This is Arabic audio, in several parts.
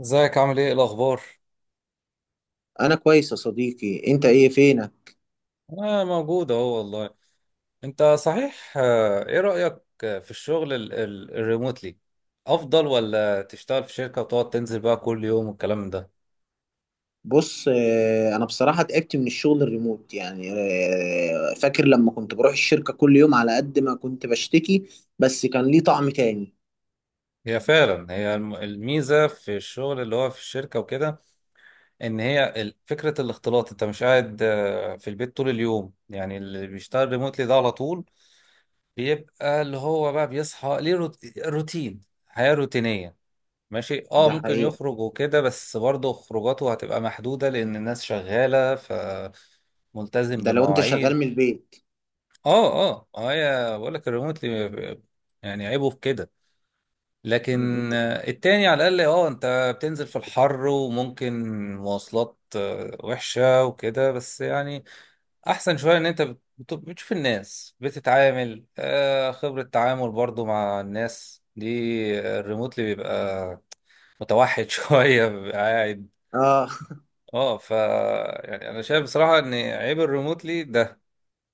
ازيك؟ عامل ايه؟ إيه الاخبار؟ انا كويس يا صديقي، انت ايه فينك؟ انا موجود اهو والله. انت صحيح؟ ايه رأيك في الشغل الريموتلي؟ افضل، ولا تشتغل في شركة وتقعد تنزل بقى كل يوم والكلام ده؟ بص، انا بصراحه تعبت من الشغل الريموت، يعني فاكر لما كنت بروح الشركه كل يوم، على قد ما كنت بشتكي بس كان ليه طعم تاني. هي فعلا هي الميزة في الشغل اللي هو في الشركة وكده. ان هي فكرة الاختلاط. انت مش قاعد في البيت طول اليوم، يعني اللي بيشتغل ريموتلي ده على طول بيبقى اللي هو بقى بيصحى ليه روتين، حياة روتينية. ماشي، اه ده ممكن حقيقه، يخرج وكده، بس برضه خروجاته هتبقى محدودة لأن الناس شغالة فملتزم ده لو انت شغال بمواعيد. من البيت. اه، اه، ما هي بقول لك الريموتلي يعني عيبه في كده. لكن م- التاني على الأقل اه انت بتنزل في الحر، وممكن مواصلات وحشة وكده، بس يعني أحسن شوية، إن أنت بتشوف الناس بتتعامل. خبرة تعامل برضه مع الناس دي. الريموتلي بيبقى متوحد شوية، بيبقى قاعد. اه. اه، ف يعني انا شايف بصراحة ان عيب الريموتلي ده،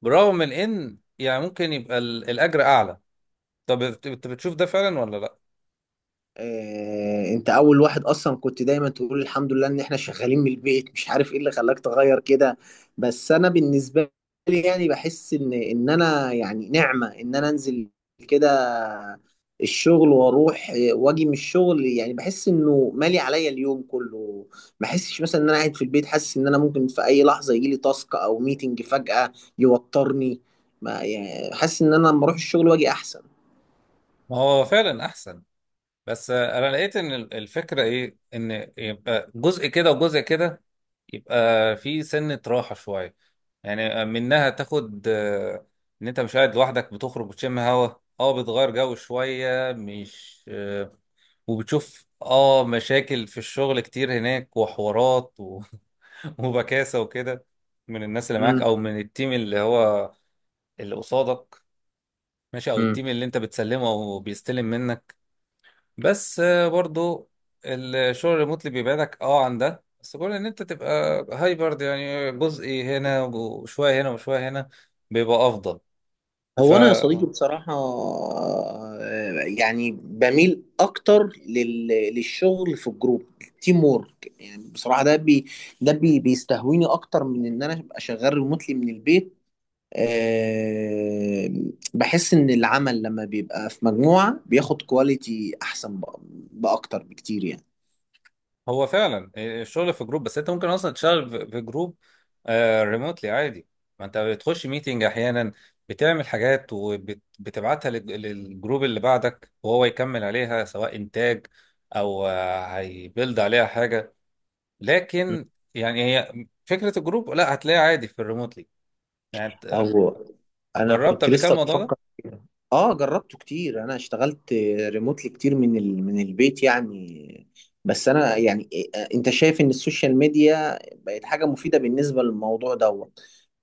برغم من ان يعني ممكن يبقى الاجر اعلى. طب انت بتشوف ده فعلا ولا لا؟ انت اول واحد اصلا كنت دايما تقول الحمد لله ان احنا شغالين من البيت، مش عارف ايه اللي خلاك تغير كده. بس انا بالنسبه لي يعني بحس ان انا يعني نعمه ان انا انزل كده الشغل واروح، واجي من الشغل، يعني بحس انه مالي عليا اليوم كله. ما بحسش مثلا ان انا قاعد في البيت حاسس ان انا ممكن في اي لحظه يجي لي تاسك او ميتنج فجاه يوترني، ما يعني حاسس ان انا لما اروح الشغل واجي احسن. ما هو فعلا احسن، بس انا لقيت ان الفكرة ايه؟ ان يبقى جزء كده وجزء كده، يبقى في سنة راحة شوية، يعني منها تاخد ان انت مش قاعد لوحدك، بتخرج وتشم هوا، اه بتغير جو شوية، مش وبتشوف اه مشاكل في الشغل كتير هناك، وحوارات و... وبكاسة وكده من الناس اللي معاك او من التيم اللي هو اللي قصادك. ماشي، او امم التيم اللي انت بتسلمه او بيستلم منك. بس برضو الشغل الريموتلي بيبعدك اه عن ده، بس كون ان انت تبقى هايبرد، يعني جزء هنا وشوية هنا وشوية هنا، بيبقى افضل. هو انا يا صديقي بصراحه يعني بميل اكتر للشغل في الجروب، تيم وورك يعني. بصراحه ده بي بيستهويني اكتر من ان انا ابقى شغال ريموتلي من البيت. أه. بحس ان العمل لما بيبقى في مجموعه بياخد كواليتي احسن، باكتر بكتير يعني. هو فعلا الشغل في جروب، بس انت ممكن اصلا تشتغل في جروب ريموتلي عادي. ما انت بتخش ميتنج احيانا، بتعمل حاجات وبتبعتها للجروب اللي بعدك وهو يكمل عليها، سواء انتاج او هيبيلد عليها حاجه. لكن يعني هي فكره الجروب لا هتلاقيها عادي في الريموتلي. يعني انت او انا جربت كنت قبل كده لسه الموضوع ده؟ بفكر كده. اه جربته كتير، انا اشتغلت ريموتلي كتير من البيت يعني. بس انا يعني انت شايف ان السوشيال ميديا بقت حاجة مفيدة بالنسبة للموضوع ده؟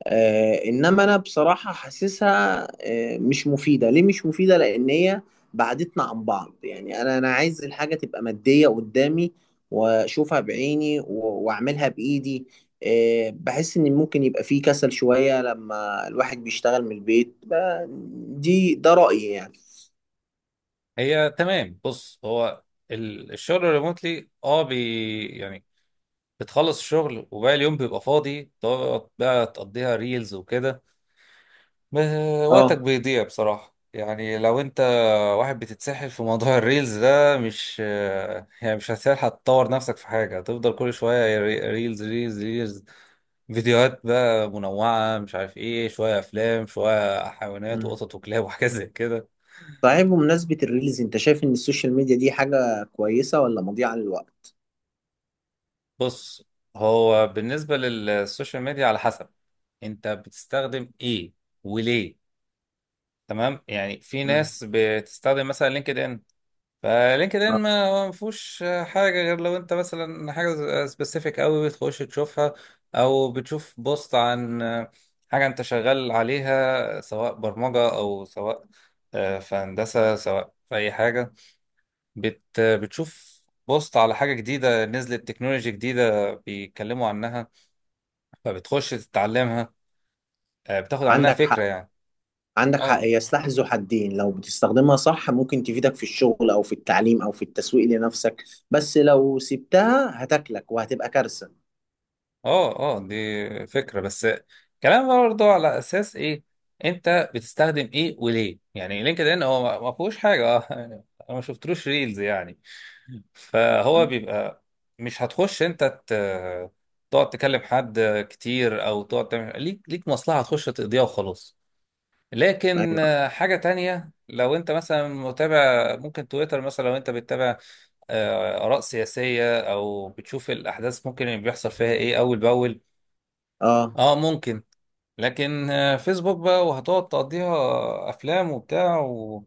انما انا بصراحه حاسسها مش مفيده، ليه مش مفيده؟ لان هي بعدتنا عن بعض. يعني انا عايز الحاجه تبقى ماديه قدامي واشوفها بعيني واعملها بايدي. بحس ان ممكن يبقى فيه كسل شويه لما الواحد بيشتغل من البيت، ده رايي يعني. هي تمام. بص، هو الشغل الريموتلي اه بي يعني بتخلص الشغل وباقي اليوم بيبقى فاضي، تقعد بقى تقضيها ريلز وكده. وقتك اه. بيضيع بصراحة، يعني لو انت واحد بتتسحل في موضوع الريلز ده، مش يعني مش هتلحق تطور نفسك في حاجة، هتفضل كل شوية ريلز ريلز ريلز، فيديوهات بقى منوعة مش عارف ايه، شوية افلام، شوية حيوانات مم. وقطط وكلاب وحاجات زي كده. صحيح، بمناسبه الريلز انت شايف ان السوشيال ميديا دي حاجه كويسه ولا مضيعه للوقت؟ بص، هو بالنسبة للسوشيال ميديا على حسب انت بتستخدم ايه وليه. تمام، يعني في مم. ناس بتستخدم مثلا لينكد ان. فلينكد آه، ان ما فيهوش حاجه غير لو انت مثلا حاجه سبيسيفيك قوي بتخش تشوفها، او بتشوف بوست عن حاجه انت شغال عليها، سواء برمجه او سواء في هندسه، سواء في اي حاجه، بتشوف بوست على حاجه جديده نزلت، تكنولوجي جديده بيتكلموا عنها فبتخش تتعلمها، بتاخد عنها عندك فكره حق، يعني. عندك حق، اه، هي سلاح ذو حدين. لو بتستخدمها صح ممكن تفيدك في الشغل او في التعليم او في التسويق لنفسك، بس لو سبتها هتاكلك وهتبقى كارثة. اه، اه دي فكرة بس كلام برضه، على اساس ايه انت بتستخدم ايه وليه. يعني لينكد ان هو ما فيهوش حاجة اه يعني، انا ما شفتلوش ريلز يعني، فهو مم. بيبقى مش هتخش انت تقعد تكلم حد كتير، او تقعد تعمل ليك مصلحة، هتخش تقضيها وخلاص. لكن ايوه، حاجة تانية، لو انت مثلا متابع ممكن تويتر مثلا، لو انت بتتابع آراء سياسية او بتشوف الاحداث، ممكن اللي بيحصل فيها ايه اول باول، اه، اه ممكن. لكن فيسبوك بقى، وهتقعد تقضيها افلام وبتاع و...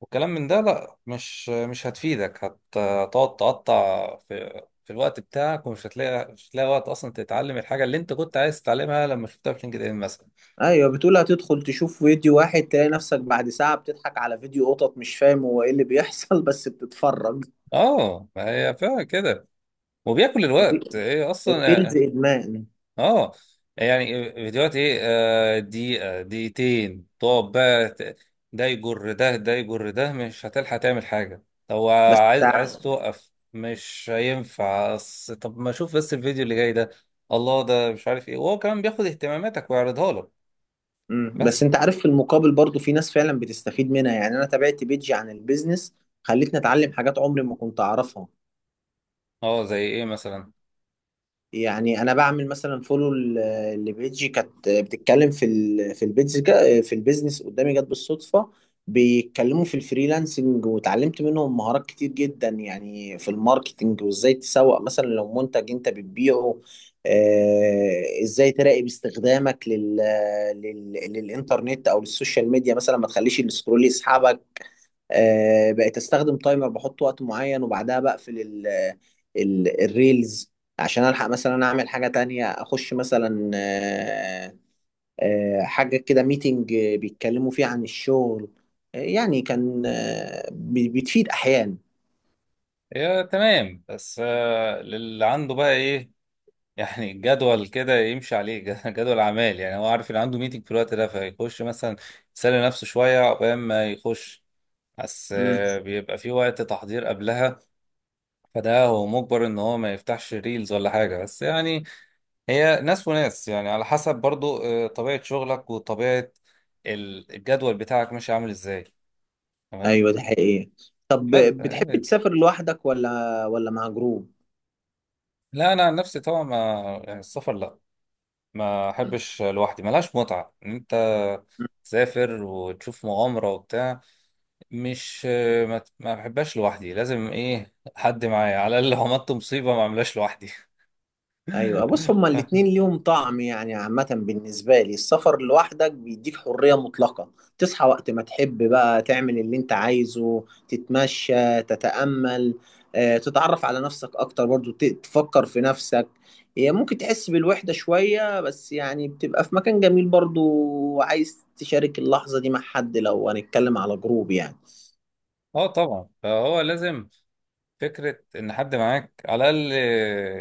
وكلام من ده، لا مش هتفيدك، هتقعد تقطع في الوقت بتاعك، ومش هتلاقي مش هتلاقي وقت اصلا تتعلم الحاجه اللي انت كنت عايز تتعلمها لما شفتها في لينكد ان مثلا. ايوه، بتقول هتدخل تشوف فيديو واحد تلاقي نفسك بعد ساعة بتضحك على فيديو قطط، مش فاهم هو ايه اللي بيحصل، بس بتتفرج. اه، ما هي فعلا كده، وبياكل الوقت الري- هي اصلا. الريلز ادمان. اه يعني فيديوهات ايه دقيقة دقيقتين، تقعد بقى ده يجر ده، ده يجر ده، مش هتلحق تعمل حاجة. لو بس عايز تع- توقف مش هينفع، طب ما اشوف بس الفيديو اللي جاي ده، الله ده مش عارف ايه، وهو كمان بياخد اهتماماتك ويعرضها لك. مم. بس بس انت عارف في المقابل برضو في ناس فعلا بتستفيد منها. يعني انا تابعت بيجي عن البيزنس خلتني اتعلم حاجات عمري ما كنت اعرفها. اه، زي ايه مثلا؟ يعني انا بعمل مثلا فولو لبيجي كانت بتتكلم في البيزنس، قدامي جت بالصدفه. بيتكلموا في الفريلانسنج وتعلمت منهم مهارات كتير جدا، يعني في الماركتنج وازاي تسوق مثلا لو منتج انت بتبيعه. ازاي تراقب استخدامك للانترنت او للسوشيال ميديا، مثلا ما تخليش السكرول يسحبك. بقيت استخدم تايمر، بحط وقت معين وبعدها بقفل ال الريلز عشان الحق مثلا اعمل حاجة تانية، اخش مثلا حاجة كده ميتنج بيتكلموا فيه عن الشغل. يعني كان بتفيد احيانا. يا تمام. بس اللي عنده بقى ايه، يعني الجدول كده يمشي عليه جدول اعمال، يعني هو عارف ان عنده ميتنج في الوقت ده فيخش مثلا يسلي نفسه شويه عقبال ما يخش، بس مم. بيبقى في وقت تحضير قبلها، فده هو مجبر ان هو ما يفتحش ريلز ولا حاجه، بس يعني هي ناس وناس، يعني على حسب برضو طبيعه شغلك وطبيعه الجدول بتاعك ماشي عامل ازاي. تمام. ايوه ده حقيقي. طب بس بتحب تسافر لوحدك ولا مع جروب؟ لا انا عن نفسي طبعا ما يعني السفر، لا ما مم. احبش لوحدي، ملهاش متعة ان انت تسافر وتشوف مغامرة وبتاع، مش ما بحبهاش لوحدي، لازم ايه حد معايا على الاقل، لو عملت مصيبة ما اعملهاش لوحدي. ايوه، بص هما الاتنين ليهم طعم، يعني عامة بالنسبة لي السفر لوحدك بيديك حرية مطلقة. تصحى وقت ما تحب، بقى تعمل اللي انت عايزه، تتمشى، تتأمل، تتعرف على نفسك اكتر برضو، تفكر في نفسك. هي ممكن تحس بالوحدة شوية بس يعني بتبقى في مكان جميل برضو، وعايز تشارك اللحظة دي مع حد، لو هنتكلم على جروب يعني. اه طبعا، فهو لازم فكرة ان حد معاك على الاقل،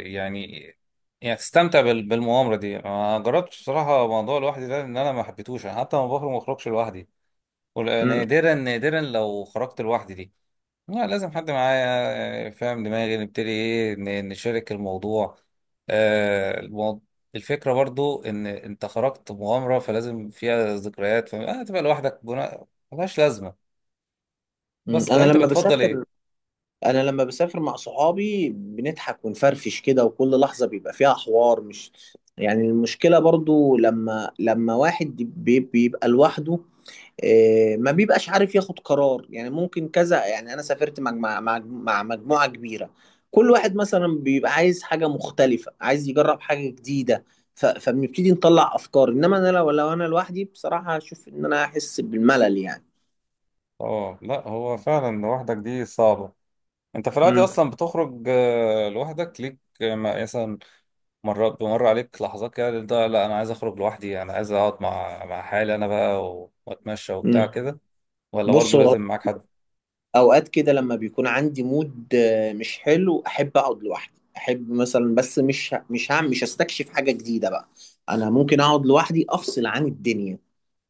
يعني يعني تستمتع بالمغامرة دي. ما جربتش بصراحة موضوع لوحدي ده، ان انا ما حبيتهوش، انا حتى ما بخرجش لوحدي، مم. ونادرا نادرا لو خرجت لوحدي دي، لا لازم حد معايا فاهم دماغي، نبتدي ايه نشارك الموضوع. المو... الفكرة برضو ان انت خرجت مغامرة فلازم فيها ذكريات، فما تبقى لوحدك جنا... ملهاش لازمة. مم. بس طب انت بتفضل ايه؟ انا لما بسافر مع صحابي بنضحك ونفرفش كده، وكل لحظة بيبقى فيها حوار، مش يعني. المشكلة برضو لما واحد بيبقى لوحده، ما بيبقاش عارف ياخد قرار. يعني ممكن كذا، يعني انا سافرت مع مجموعة كبيرة، كل واحد مثلا بيبقى عايز حاجة مختلفة، عايز يجرب حاجة جديدة. فبنبتدي نطلع افكار. انما انا لو انا لوحدي بصراحة هشوف ان انا احس بالملل يعني. اه لا، هو فعلا لوحدك دي صعبة. انت في العادي امم اصلا بتخرج لوحدك ليك مثلا مرات بمر عليك لحظات كده ده، لا انا عايز اخرج لوحدي، انا عايز اقعد مع حالي انا بقى واتمشى وبتاع مم. كده، ولا بص برضو هو، لازم معاك حد؟ اوقات كده لما بيكون عندي مود مش حلو، احب اقعد لوحدي، احب مثلا، بس مش هستكشف حاجة جديدة بقى. انا ممكن اقعد لوحدي افصل عن الدنيا،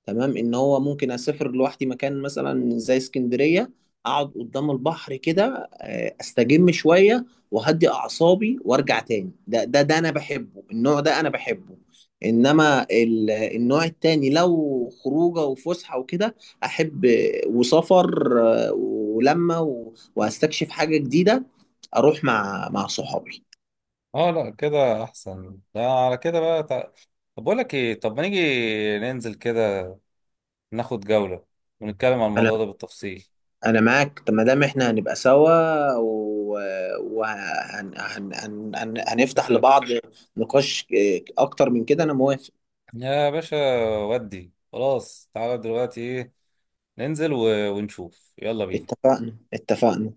تمام ان هو ممكن اسافر لوحدي مكان مثلا زي اسكندريه، اقعد قدام البحر كده استجم شويه واهدي اعصابي وارجع تاني. ده انا بحبه، النوع ده انا بحبه. انما النوع التاني لو خروجه وفسحه وكده، احب وسفر، ولما وهستكشف حاجه جديده اروح مع صحابي. اه لا، كده احسن. لا على كده بقى تع... طب بقول لك ايه؟ طب ما نيجي ننزل كده، ناخد جولة ونتكلم عن انا الموضوع ده بالتفصيل. انا معاك. طب ما دام احنا هنبقى سوا يا وهنفتح باشا. لبعض نقاش اكتر من كده، انا موافق. يا باشا. ودي خلاص، تعالى دلوقتي ايه، ننزل و... ونشوف. يلا بينا. اتفقنا اتفقنا.